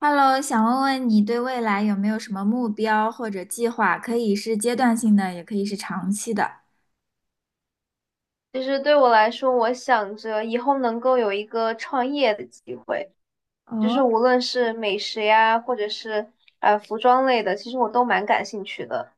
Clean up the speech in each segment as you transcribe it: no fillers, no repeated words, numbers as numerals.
Hello,想问问你对未来有没有什么目标或者计划？可以是阶段性的，也可以是长期的。其实对我来说，我想着以后能够有一个创业的机会，就是哦。无论是美食呀，或者是服装类的，其实我都蛮感兴趣的。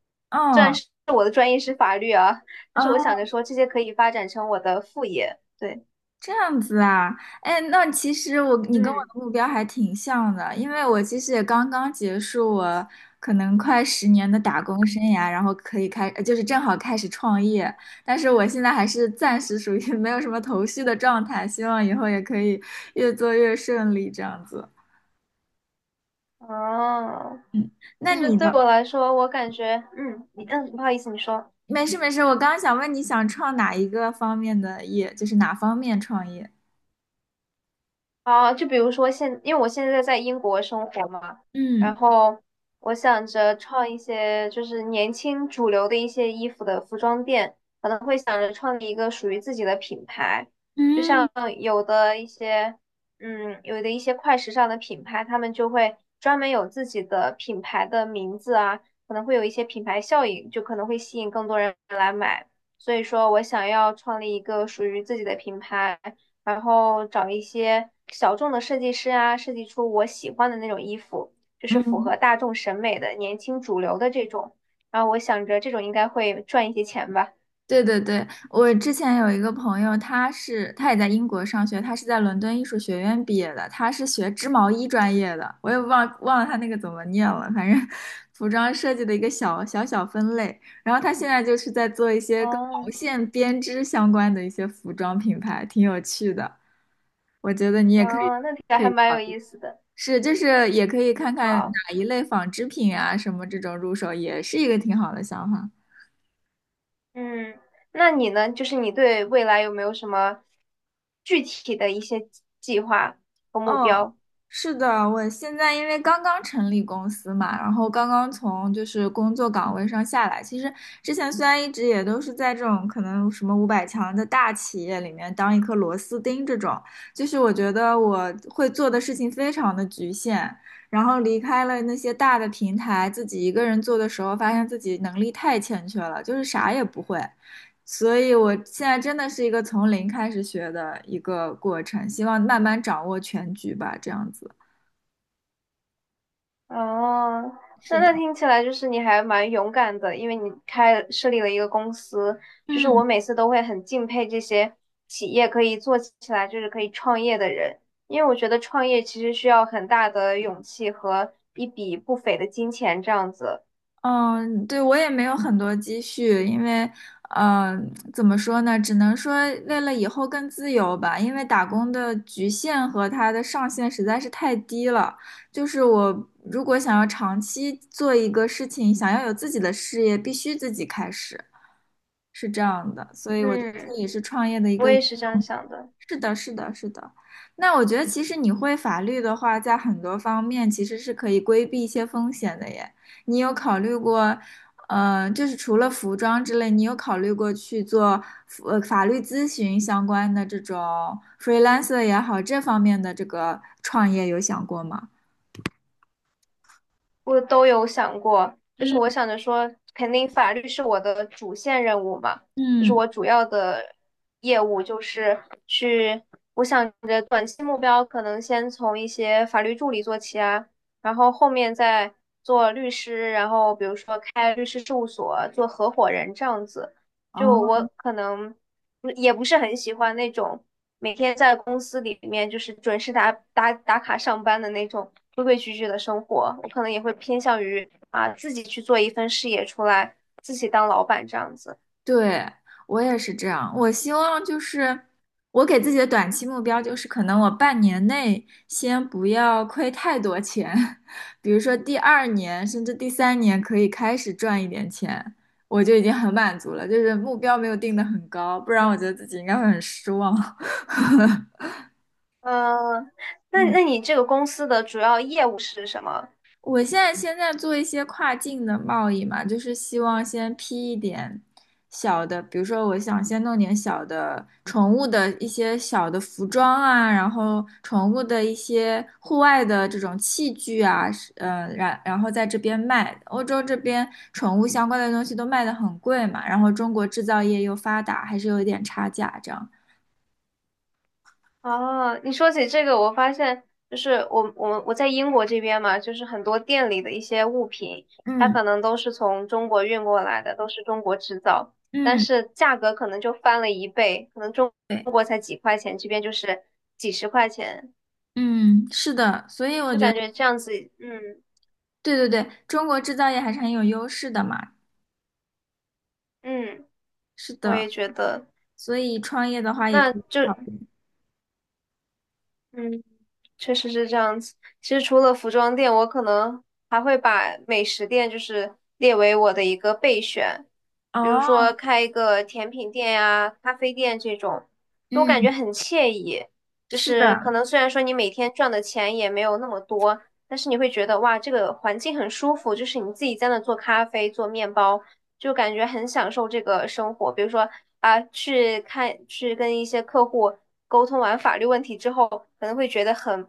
虽然哦。是我的专业是法律啊，但是我想哦，着说这些可以发展成我的副业。对，这样子啊。哎，那其实你跟我嗯，的目标还挺像的，因为我其实也刚刚结束我可能快10年的打工生涯，然后可以开，就是正好开始创业。但是我现在还是暂时属于 没有什么头绪的状态，希望以后也可以越做越顺利这样子。哦，嗯，那其实你对的。我来说，我感觉，嗯，你嗯，不好意思，你说。没事没事，我刚刚想问你想创哪一个方面的业，就是哪方面创业？啊，就比如说现，因为我现在在英国生活嘛，嗯。然后我想着创一些就是年轻主流的一些衣服的服装店，可能会想着创立一个属于自己的品牌，就嗯。像有的一些，嗯，有的一些快时尚的品牌，他们就会专门有自己的品牌的名字啊，可能会有一些品牌效应，就可能会吸引更多人来买。所以说我想要创立一个属于自己的品牌。然后找一些小众的设计师啊，设计出我喜欢的那种衣服，就是符合嗯。大众审美的、年轻主流的这种。然后我想着这种应该会赚一些钱吧。对对对，我之前有一个朋友，他也在英国上学，他是在伦敦艺术学院毕业的，他是学织毛衣专业的，我也忘了他那个怎么念了，反正服装设计的一个小分类。然后他现在就是在做一些跟毛哦，线编织相关的一些服装品牌，挺有趣的，我觉得你也可以。哦，那听起来可还以。蛮有意思的。是，就是也可以看看好，哪一类纺织品啊，什么这种入手也是一个挺好的想法。嗯，那你呢？就是你对未来有没有什么具体的一些计划和目嗯，标？是的，我现在因为刚刚成立公司嘛，然后刚刚从就是工作岗位上下来。其实之前虽然一直也都是在这种可能什么500强的大企业里面当一颗螺丝钉这种，就是我觉得我会做的事情非常的局限。然后离开了那些大的平台，自己一个人做的时候，发现自己能力太欠缺了，就是啥也不会。所以我现在真的是一个从零开始学的一个过程，希望慢慢掌握全局吧，这样子。哦，是那那的。听起来就是你还蛮勇敢的，因为你开设立了一个公司，就是嗯。我每次都会很敬佩这些企业可以做起来，就是可以创业的人，因为我觉得创业其实需要很大的勇气和一笔不菲的金钱这样子。嗯，对，我也没有很多积蓄，因为，怎么说呢，只能说为了以后更自由吧，因为打工的局限和它的上限实在是太低了。就是我如果想要长期做一个事情，想要有自己的事业，必须自己开始，是这样的。所以我觉得这嗯，也是创业的一个。我也是这样想的。是的，是的，是的。那我觉得，其实你会法律的话，在很多方面其实是可以规避一些风险的耶。你有考虑过，就是除了服装之类，你有考虑过去做法律咨询相关的这种 freelancer 也好，这方面的这个创业有想过吗？我都有想过，就是嗯。我想着说，肯定法律是我的主线任务嘛，就是嗯。我主要的业务就是去，我想着短期目标可能先从一些法律助理做起啊，然后后面再做律师，然后比如说开律师事务所，做合伙人这样子，就我哦。可能。不也不是很喜欢那种每天在公司里面就是准时打卡上班的那种规规矩矩的生活，我可能也会偏向于啊自己去做一份事业出来，自己当老板这样子。对，我也是这样。我希望就是我给自己的短期目标就是，可能我半年内先不要亏太多钱，比如说第二年甚至第三年可以开始赚一点钱，我就已经很满足了。就是目标没有定得很高，不然我觉得自己应该会很失望。嗯，那嗯。那你这个公司的主要业务是什么？我现在做一些跨境的贸易嘛，就是希望先批一点小的，比如说我想先弄点小的宠物的一些小的服装啊，然后宠物的一些户外的这种器具啊，然后在这边卖。欧洲这边宠物相关的东西都卖得很贵嘛，然后中国制造业又发达，还是有一点差价这样。哦，你说起这个，我发现就是我在英国这边嘛，就是很多店里的一些物品，它嗯。可能都是从中国运过来的，都是中国制造，但嗯，是价格可能就翻了一倍，可能中对。中国才几块钱，这边就是几十块钱，嗯，是的，所以我就觉感得，觉这样子，嗯对对对，中国制造业还是很有优势的嘛。嗯，是我也的，觉得，所以创业的话也那可以就考虑。嗯，确实是这样子。其实除了服装店，我可能还会把美食店就是列为我的一个备选，比如说哦。开一个甜品店呀、咖啡店这种，我感觉嗯。很惬意。就是的。是可能虽然说你每天赚的钱也没有那么多，但是你会觉得哇，这个环境很舒服，就是你自己在那做咖啡、做面包，就感觉很享受这个生活。比如说啊，去看去跟一些客户沟通完法律问题之后，可能会觉得很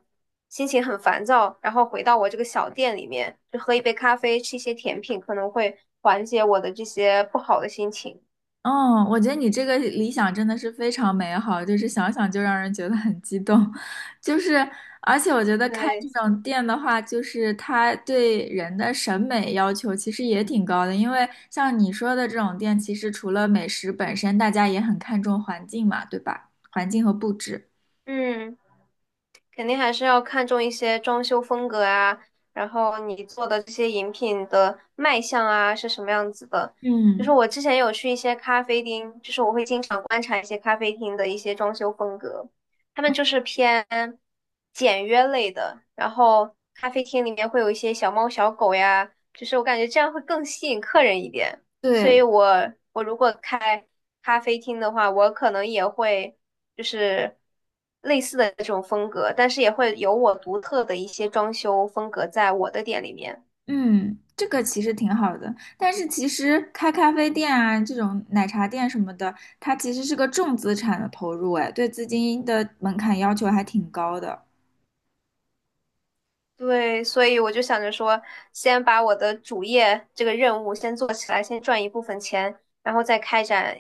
心情很烦躁，然后回到我这个小店里面，就喝一杯咖啡，吃一些甜品，可能会缓解我的这些不好的心情。嗯，我觉得你这个理想真的是非常美好，就是想想就让人觉得很激动，就是而且我觉得开这对，种店的话，就是它对人的审美要求其实也挺高的，因为像你说的这种店，其实除了美食本身，大家也很看重环境嘛，对吧？环境和布置。嗯。肯定还是要看重一些装修风格啊，然后你做的这些饮品的卖相啊是什么样子的。就是嗯。我之前有去一些咖啡厅，就是我会经常观察一些咖啡厅的一些装修风格，他们嗯。就是偏简约类的，然后咖啡厅里面会有一些小猫小狗呀，就是我感觉这样会更吸引客人一点。所对。以我如果开咖啡厅的话，我可能也会。就是类似的这种风格，但是也会有我独特的一些装修风格在我的店里面。嗯，这个其实挺好的，但是其实开咖啡店啊，这种奶茶店什么的，它其实是个重资产的投入，哎，对资金的门槛要求还挺高的。对，所以我就想着说，先把我的主业这个任务先做起来，先赚一部分钱，然后再开展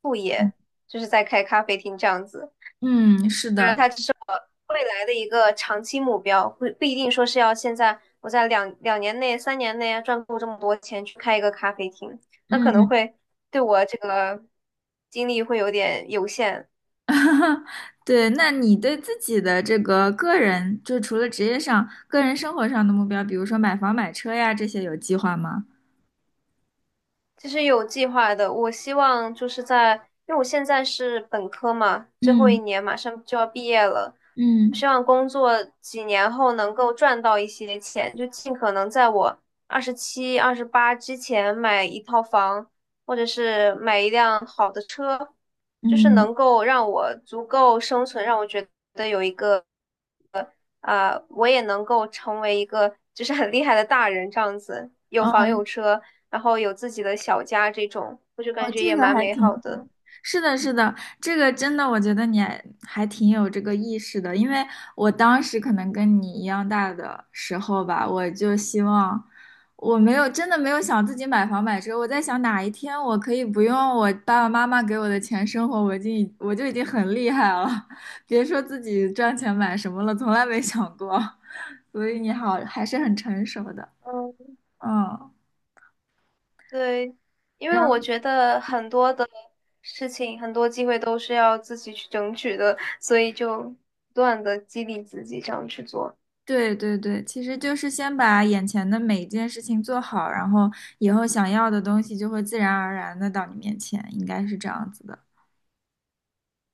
副业，就是再开咖啡厅这样子。嗯，是那的，它只是我未来的一个长期目标，不一定说是要现在我在两年内、3年内啊赚够这么多钱去开一个咖啡厅，那可能嗯，会对我这个精力会有点有限。对，那你对自己的这个个人，就除了职业上，个人生活上的目标，比如说买房、买车呀，这些有计划吗？其实有计划的，我希望就是在，因为我现在是本科嘛，最后一嗯。年马上就要毕业了，我嗯。希望工作几年后能够赚到一些钱，就尽可能在我27、28之前买一套房，或者是买一辆好的车，就是嗯。能够让我足够生存，让我觉得有一个啊，我也能够成为一个就是很厉害的大人这样子，有哦。房有车，然后有自己的小家这种，我就哦，感觉这也个蛮还美挺好，好的。是的，是的，这个真的，我觉得你还挺有这个意识的，因为我当时可能跟你一样大的时候吧，我就希望，我没有真的没有想自己买房买车，我在想哪一天我可以不用我爸爸妈妈给我的钱生活，我就已经很厉害了，别说自己赚钱买什么了，从来没想过，所以你好，还是很成熟的，嗯，嗯。对，因为然我后。觉得很多的事情，很多机会都是要自己去争取的，所以就不断的激励自己这样去做。对对对，其实就是先把眼前的每一件事情做好，然后以后想要的东西就会自然而然的到你面前，应该是这样子的。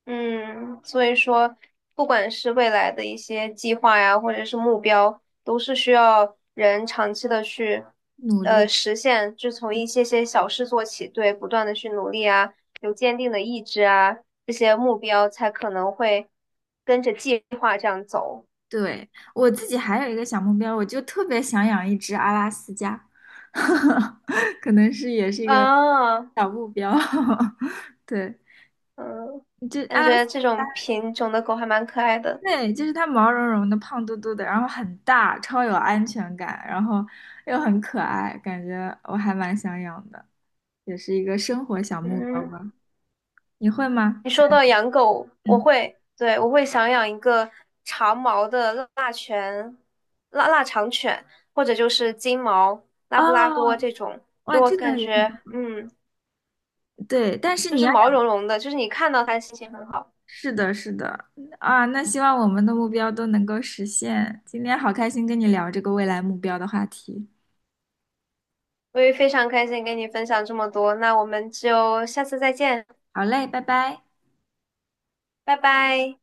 嗯，所以说，不管是未来的一些计划呀，或者是目标，都是需要人长期的去，努力。实现，就从一些些小事做起，对，不断的去努力啊，有坚定的意志啊，这些目标才可能会跟着计划这样走对，我自己还有一个小目标，我就特别想养一只阿拉斯加，可能是也是一个啊，小目标。对，嗯，这感阿拉斯。觉这种品种的狗还蛮可爱的，对，就是它毛茸茸的、胖嘟嘟的，然后很大，超有安全感，然后又很可爱，感觉我还蛮想养的。也是一个生活小目标嗯。吧？你会吗？你想。说到养狗，我嗯。会，对，我会想养一个长毛的腊犬、腊肠犬，或者就是金毛、拉布拉多哦。这种。就哇，我这感个也很觉，嗯，对，但是就你是要毛养，茸茸的，就是你看到它心情很好。是的，是的，啊，那希望我们的目标都能够实现。今天好开心跟你聊这个未来目标的话题。我也非常开心跟你分享这么多，那我们就下次再见，好嘞，拜拜。拜拜。